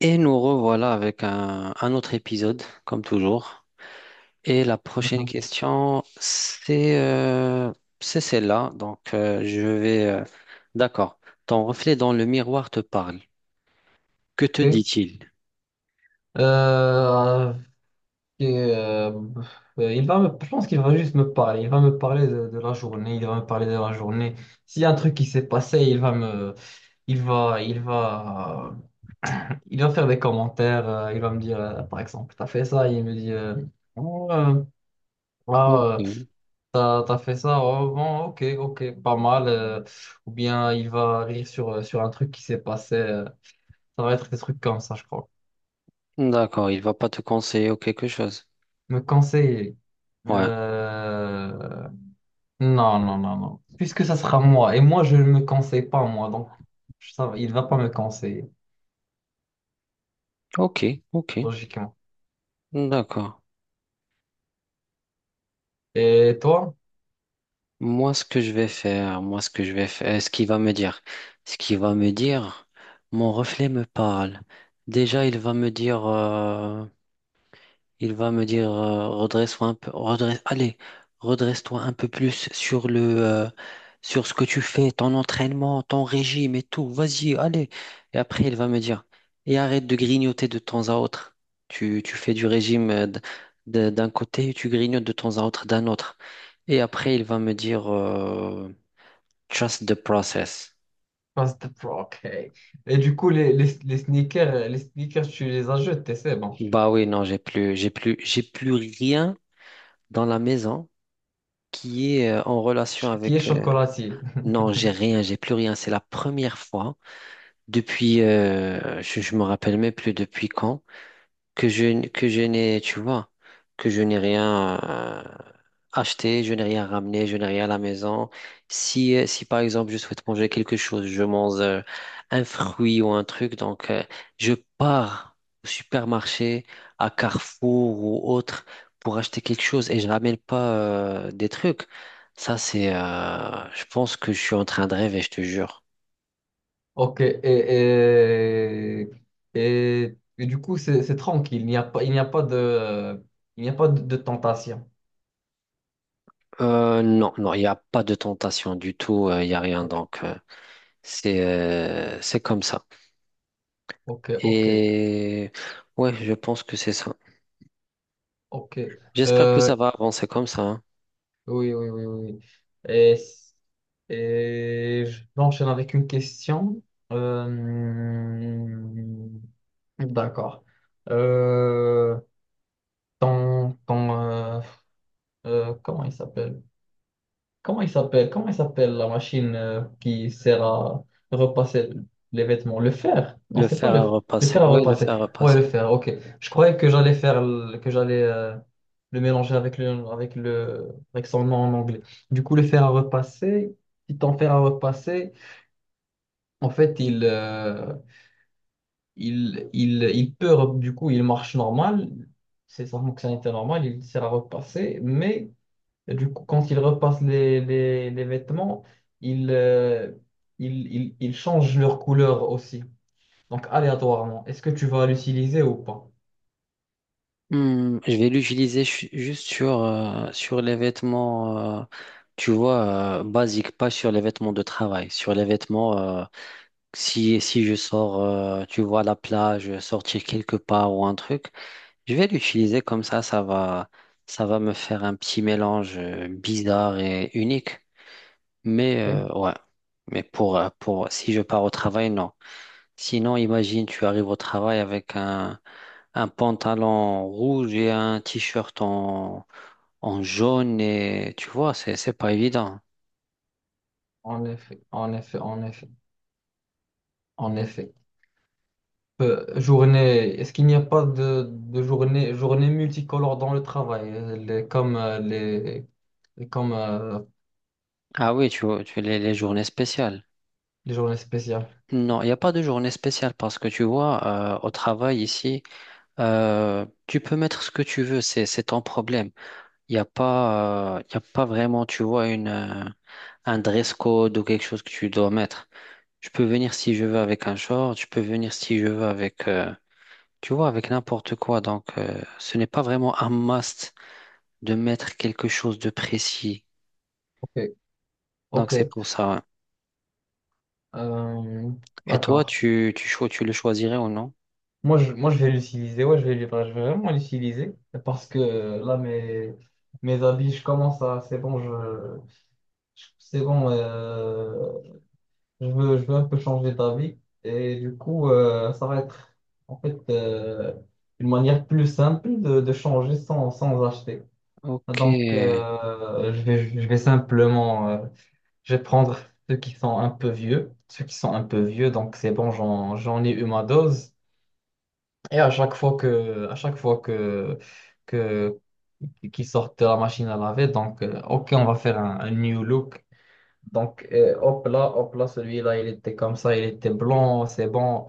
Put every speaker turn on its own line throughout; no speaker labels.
Et nous revoilà avec un autre épisode, comme toujours. Et la prochaine
Ok.
question, c'est celle-là. Donc, je vais... D'accord. Ton reflet dans le miroir te parle. Que te dit-il?
Euh, ok, euh, je pense qu'il va juste me parler. Il va me parler de la journée. Il va me parler de la journée. S'il y a un truc qui s'est passé, il va me, il va, il va, il va faire des commentaires. Il va me dire, par exemple, t'as fait ça. Il me dit, Oh, euh, ah, euh,
Ok.
t'as fait ça. Oh, bon, ok, ok, pas mal. Ou bien il va rire sur un truc qui s'est passé. Ça va être des trucs comme ça, je crois.
D'accord, il va pas te conseiller ou quelque chose.
Me conseiller.
Ouais.
Euh, Non, non, non, non. Puisque ça sera moi. Et moi, je ne me conseille pas, moi. Donc, il ne va pas me conseiller,
Ok, ok.
logiquement.
D'accord.
Et toi?
Moi, ce que je vais faire, moi, ce que je vais faire, ce qu'il va me dire, ce qu'il va me dire, mon reflet me parle. Déjà, il va me dire… Il va me dire redresse-toi un peu, redresse, allez, redresse-toi un peu plus sur le sur ce que tu fais, ton entraînement, ton régime et tout. Vas-y, allez. Et après, il va me dire et arrête de grignoter de temps à autre. Tu fais du régime d'un côté et tu grignotes de temps à autre d'un autre. Et après, il va me dire trust the process.
Pass the pro, ok. Et du coup, les sneakers, tu les as jetés, c'est bon.
Bah oui, non, j'ai plus rien dans la maison qui est en relation
Ch- qui est
avec
chocolatier?
non, j'ai rien, j'ai plus rien. C'est la première fois depuis, je me rappelle même plus depuis quand, que je n'ai, tu vois, que je n'ai rien acheté, je n'ai rien ramené, je n'ai rien à la maison. Si, si par exemple je souhaite manger quelque chose, je mange un fruit ou un truc, donc je pars au supermarché, à Carrefour ou autre pour acheter quelque chose et je ramène pas des trucs. Ça, je pense que je suis en train de rêver, je te jure.
Ok. Et du coup, c'est tranquille. Il n'y a pas, il n'y a pas il n'y a pas de, de tentation.
Non, il n'y a pas de tentation du tout, il n'y a rien
Ok,
donc. C'est comme ça.
ok, ok,
Et ouais, je pense que c'est ça.
ok.
J'espère que ça
Euh,
va avancer comme ça, hein.
Oui, oui, oui, oui, oui. Et, et j'enchaîne avec une question. Euh, d'accord. Euh, ton, ton, euh, Comment il s'appelle? Comment il s'appelle? Comment il s'appelle la machine qui sert à repasser les vêtements? Le fer? Non,
Le
c'est pas
fer à
le fer
repasser.
à
Ouais, le
repasser.
fer à
Ouais, le
repasser.
fer, ok. Je croyais que j'allais le mélanger avec le avec le avec son nom en anglais. Du coup, le fer à repasser, si ton fer à repasser, en fait, il peut du coup, il marche normal. C'est sa fonctionnalité normale, il sert à repasser, mais et du coup, quand il repasse les vêtements, il, euh, il change leur couleur aussi. Donc, aléatoirement. Est-ce que tu vas l'utiliser ou pas?
Hmm, je vais juste sur, sur les vêtements, tu vois, basiques, pas sur les vêtements de travail. Sur les vêtements, si je sors, tu vois, à la plage, sortir quelque part ou un truc, je vais l'utiliser comme ça. Ça va me faire un petit mélange bizarre et unique. Mais
Ok.
ouais, mais pour si je pars au travail, non. Sinon, imagine, tu arrives au travail avec un pantalon rouge et un t-shirt en, en jaune et tu vois, c'est pas évident.
En effet, en effet, en effet, en effet. Est-ce qu'il n'y a pas journée multicolore dans le travail, comme, comme
Ah oui, tu vois, les journées spéciales.
les journées spéciales?
Non, il n'y a pas de journée spéciale parce que tu vois, au travail ici, tu peux mettre ce que tu veux, c'est ton problème. Il n'y a pas, il y a pas vraiment, tu vois, un dress code ou quelque chose que tu dois mettre. Je peux venir si je veux avec un short, je peux venir si je veux avec, tu vois, avec n'importe quoi. Donc, ce n'est pas vraiment un must de mettre quelque chose de précis.
Ok.
Donc,
Ok.
c'est pour ça, ouais.
Euh,
Et toi,
d'accord.
tu le choisirais ou non?
Moi, je vais l'utiliser, ouais, je vais vraiment l'utiliser parce que là, mes habits, je commence à, c'est bon, je- c'est bon, je veux un peu changer d'avis et du coup, ça va être en fait une manière plus simple de changer sans acheter.
Ok,
Donc, je vais simplement, je vais prendre ceux qui sont un peu vieux, ceux qui sont un peu vieux, donc c'est bon, j'en ai eu ma dose. Et à chaque fois que, à chaque fois que, qu'ils sortent de la machine à laver, donc, ok, on va faire un new look. Donc, hop là, celui-là, il était comme ça, il était blanc, c'est bon,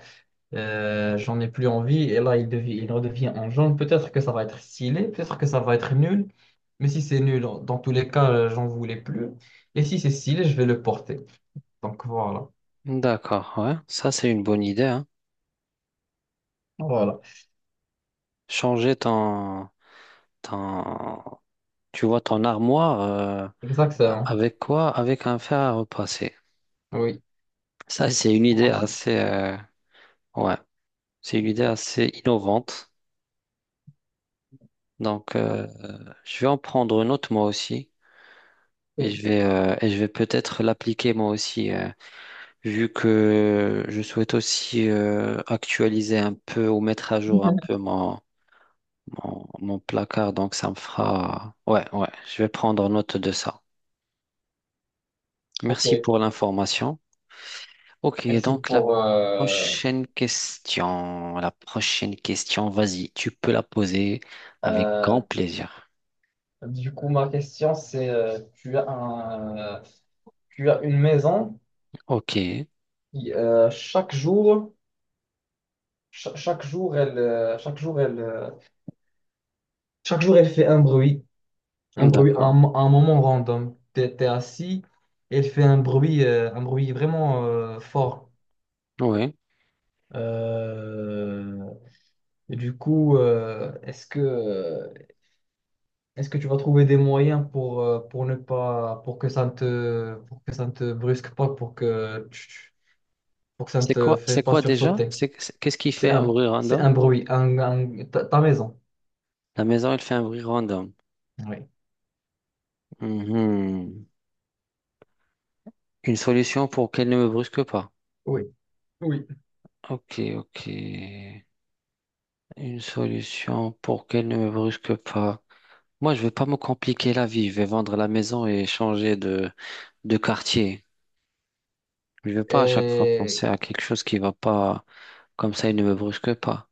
j'en ai plus envie. Et là, il redevient en jaune. Peut-être que ça va être stylé, peut-être que ça va être nul. Mais si c'est nul, dans tous les cas, j'en voulais plus. Et si c'est stylé, je vais le porter. Donc, voilà.
d'accord, ouais. Ça, c'est une bonne idée, hein.
Voilà,
Changer ton, ton, tu vois, ton armoire, a-
exactement.
avec quoi? Avec un fer à repasser.
Oui,
Ça, c'est une idée
automatique.
assez, ouais. C'est une idée assez innovante. Donc, je vais en prendre une autre moi aussi
Ok,
et je vais peut-être l'appliquer moi aussi, vu que je souhaite aussi actualiser un peu ou mettre à jour un peu mon, mon, mon placard. Donc, ça me fera... Ouais, ouais, je vais prendre note de ça.
ok,
Merci pour l'information. Ok,
merci
donc
pour...
la prochaine question, vas-y, tu peux la poser avec
Euh,
grand plaisir.
du coup, ma question, c'est, tu as une maison
Ok,
qui, chaque jour, cha- chaque jour, elle, chaque jour, elle, chaque jour, elle fait un bruit, à
d'accord.
à un moment random. T'es assis, elle fait un bruit vraiment fort.
Oui.
Euh, et du coup, euh, est-ce que, Est-ce que tu vas trouver des moyens pour ne pas, pour que ça ne te, pour que ça ne te brusque pas, pour que ça ne te fait
C'est
pas
quoi déjà?
sursauter.
C'est- qu'est-ce qui fait un bruit
C'est
random?
un bruit, ta, ta maison.
La maison, elle fait un bruit random.
Oui,
Mhm. Une solution pour qu'elle ne me brusque pas.
oui, oui.
Ok, ok. Une solution pour qu'elle ne me brusque pas. Moi, je vais pas me compliquer la vie. Je vais vendre la maison et changer de quartier. Je vais pas à chaque fois penser
Et,
à quelque chose qui va pas. Comme ça, il ne me brusque pas.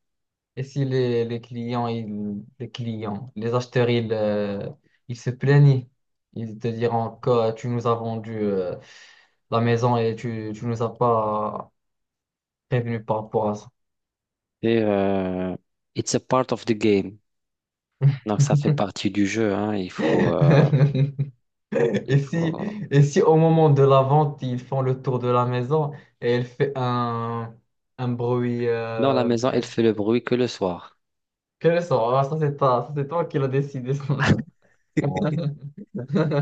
et si les clients, les clients, les acheteurs, ils se plaignent, ils te diront que tu nous as vendu la maison et tu nous as pas prévenu par rapport à ça.
Et it's a part of the game. Donc, ça fait partie du jeu, hein. Il faut,
Et
il
si,
faut.
et si au moment de la vente, ils font le tour de la maison et elle fait un bruit,
Dans la maison, elle
elle
fait le bruit que le soir.
Quel sort? Ah, ça, c'est toi qui l'as décidé. Ça. Bon.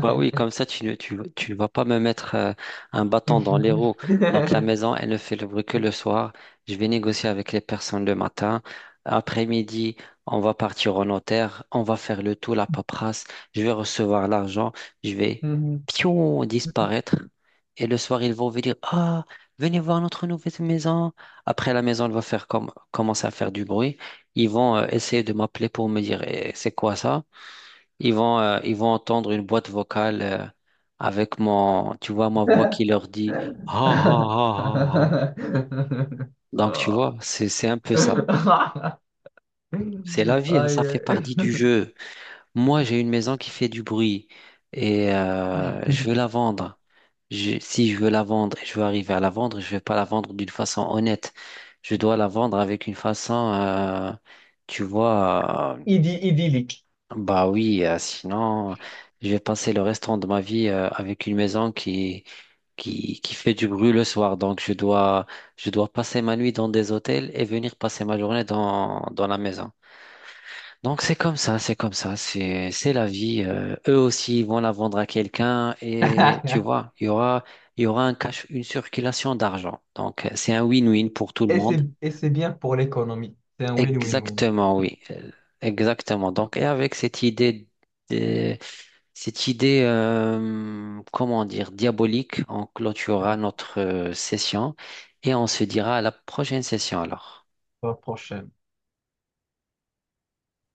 Bah oui, comme ça, tu ne vas pas me mettre un bâton dans les roues. Donc, la maison, elle ne fait le bruit que le soir. Je vais négocier avec les personnes le matin. Après-midi, on va partir au notaire. On va faire le tout, la paperasse. Je vais recevoir l'argent. Je vais, pion, disparaître. Et le soir, ils vont venir. Ah, venez voir notre nouvelle maison. Après, la maison, elle va faire comme, commencer à faire du bruit. Ils vont essayer de m'appeler pour me dire, eh, c'est quoi ça? Ils vont entendre une boîte vocale avec mon, tu vois, ma voix qui leur dit ha ha ha ha ha. Donc, tu vois,
Ah.
c'est un peu ça. C'est la vie, hein, ça fait
Aïe.
partie du jeu. Moi, j'ai une maison qui fait du bruit et je veux la vendre. Je- si je veux la vendre et je veux arriver à la vendre, je ne vais pas la vendre d'une façon honnête. Je dois la vendre avec une façon, tu vois.
Idy- idyllique.
Bah oui, sinon, je vais passer le restant de ma vie avec une maison qui fait du bruit le soir. Donc, je dois passer ma nuit dans des hôtels et venir passer ma journée dans, dans la maison. Donc, c'est comme ça, c'est comme ça, c'est la vie. Eux aussi, ils vont la vendre à quelqu'un et tu vois, il y aura un cash, une circulation d'argent. Donc, c'est un win-win pour tout le monde.
Et c'est bien pour l'économie. C'est un win-win-win.
Exactement, oui. Exactement. Donc, et avec cette idée de- cette idée, comment dire, diabolique, on clôturera notre session et on se dira à la prochaine session alors.
La prochaine.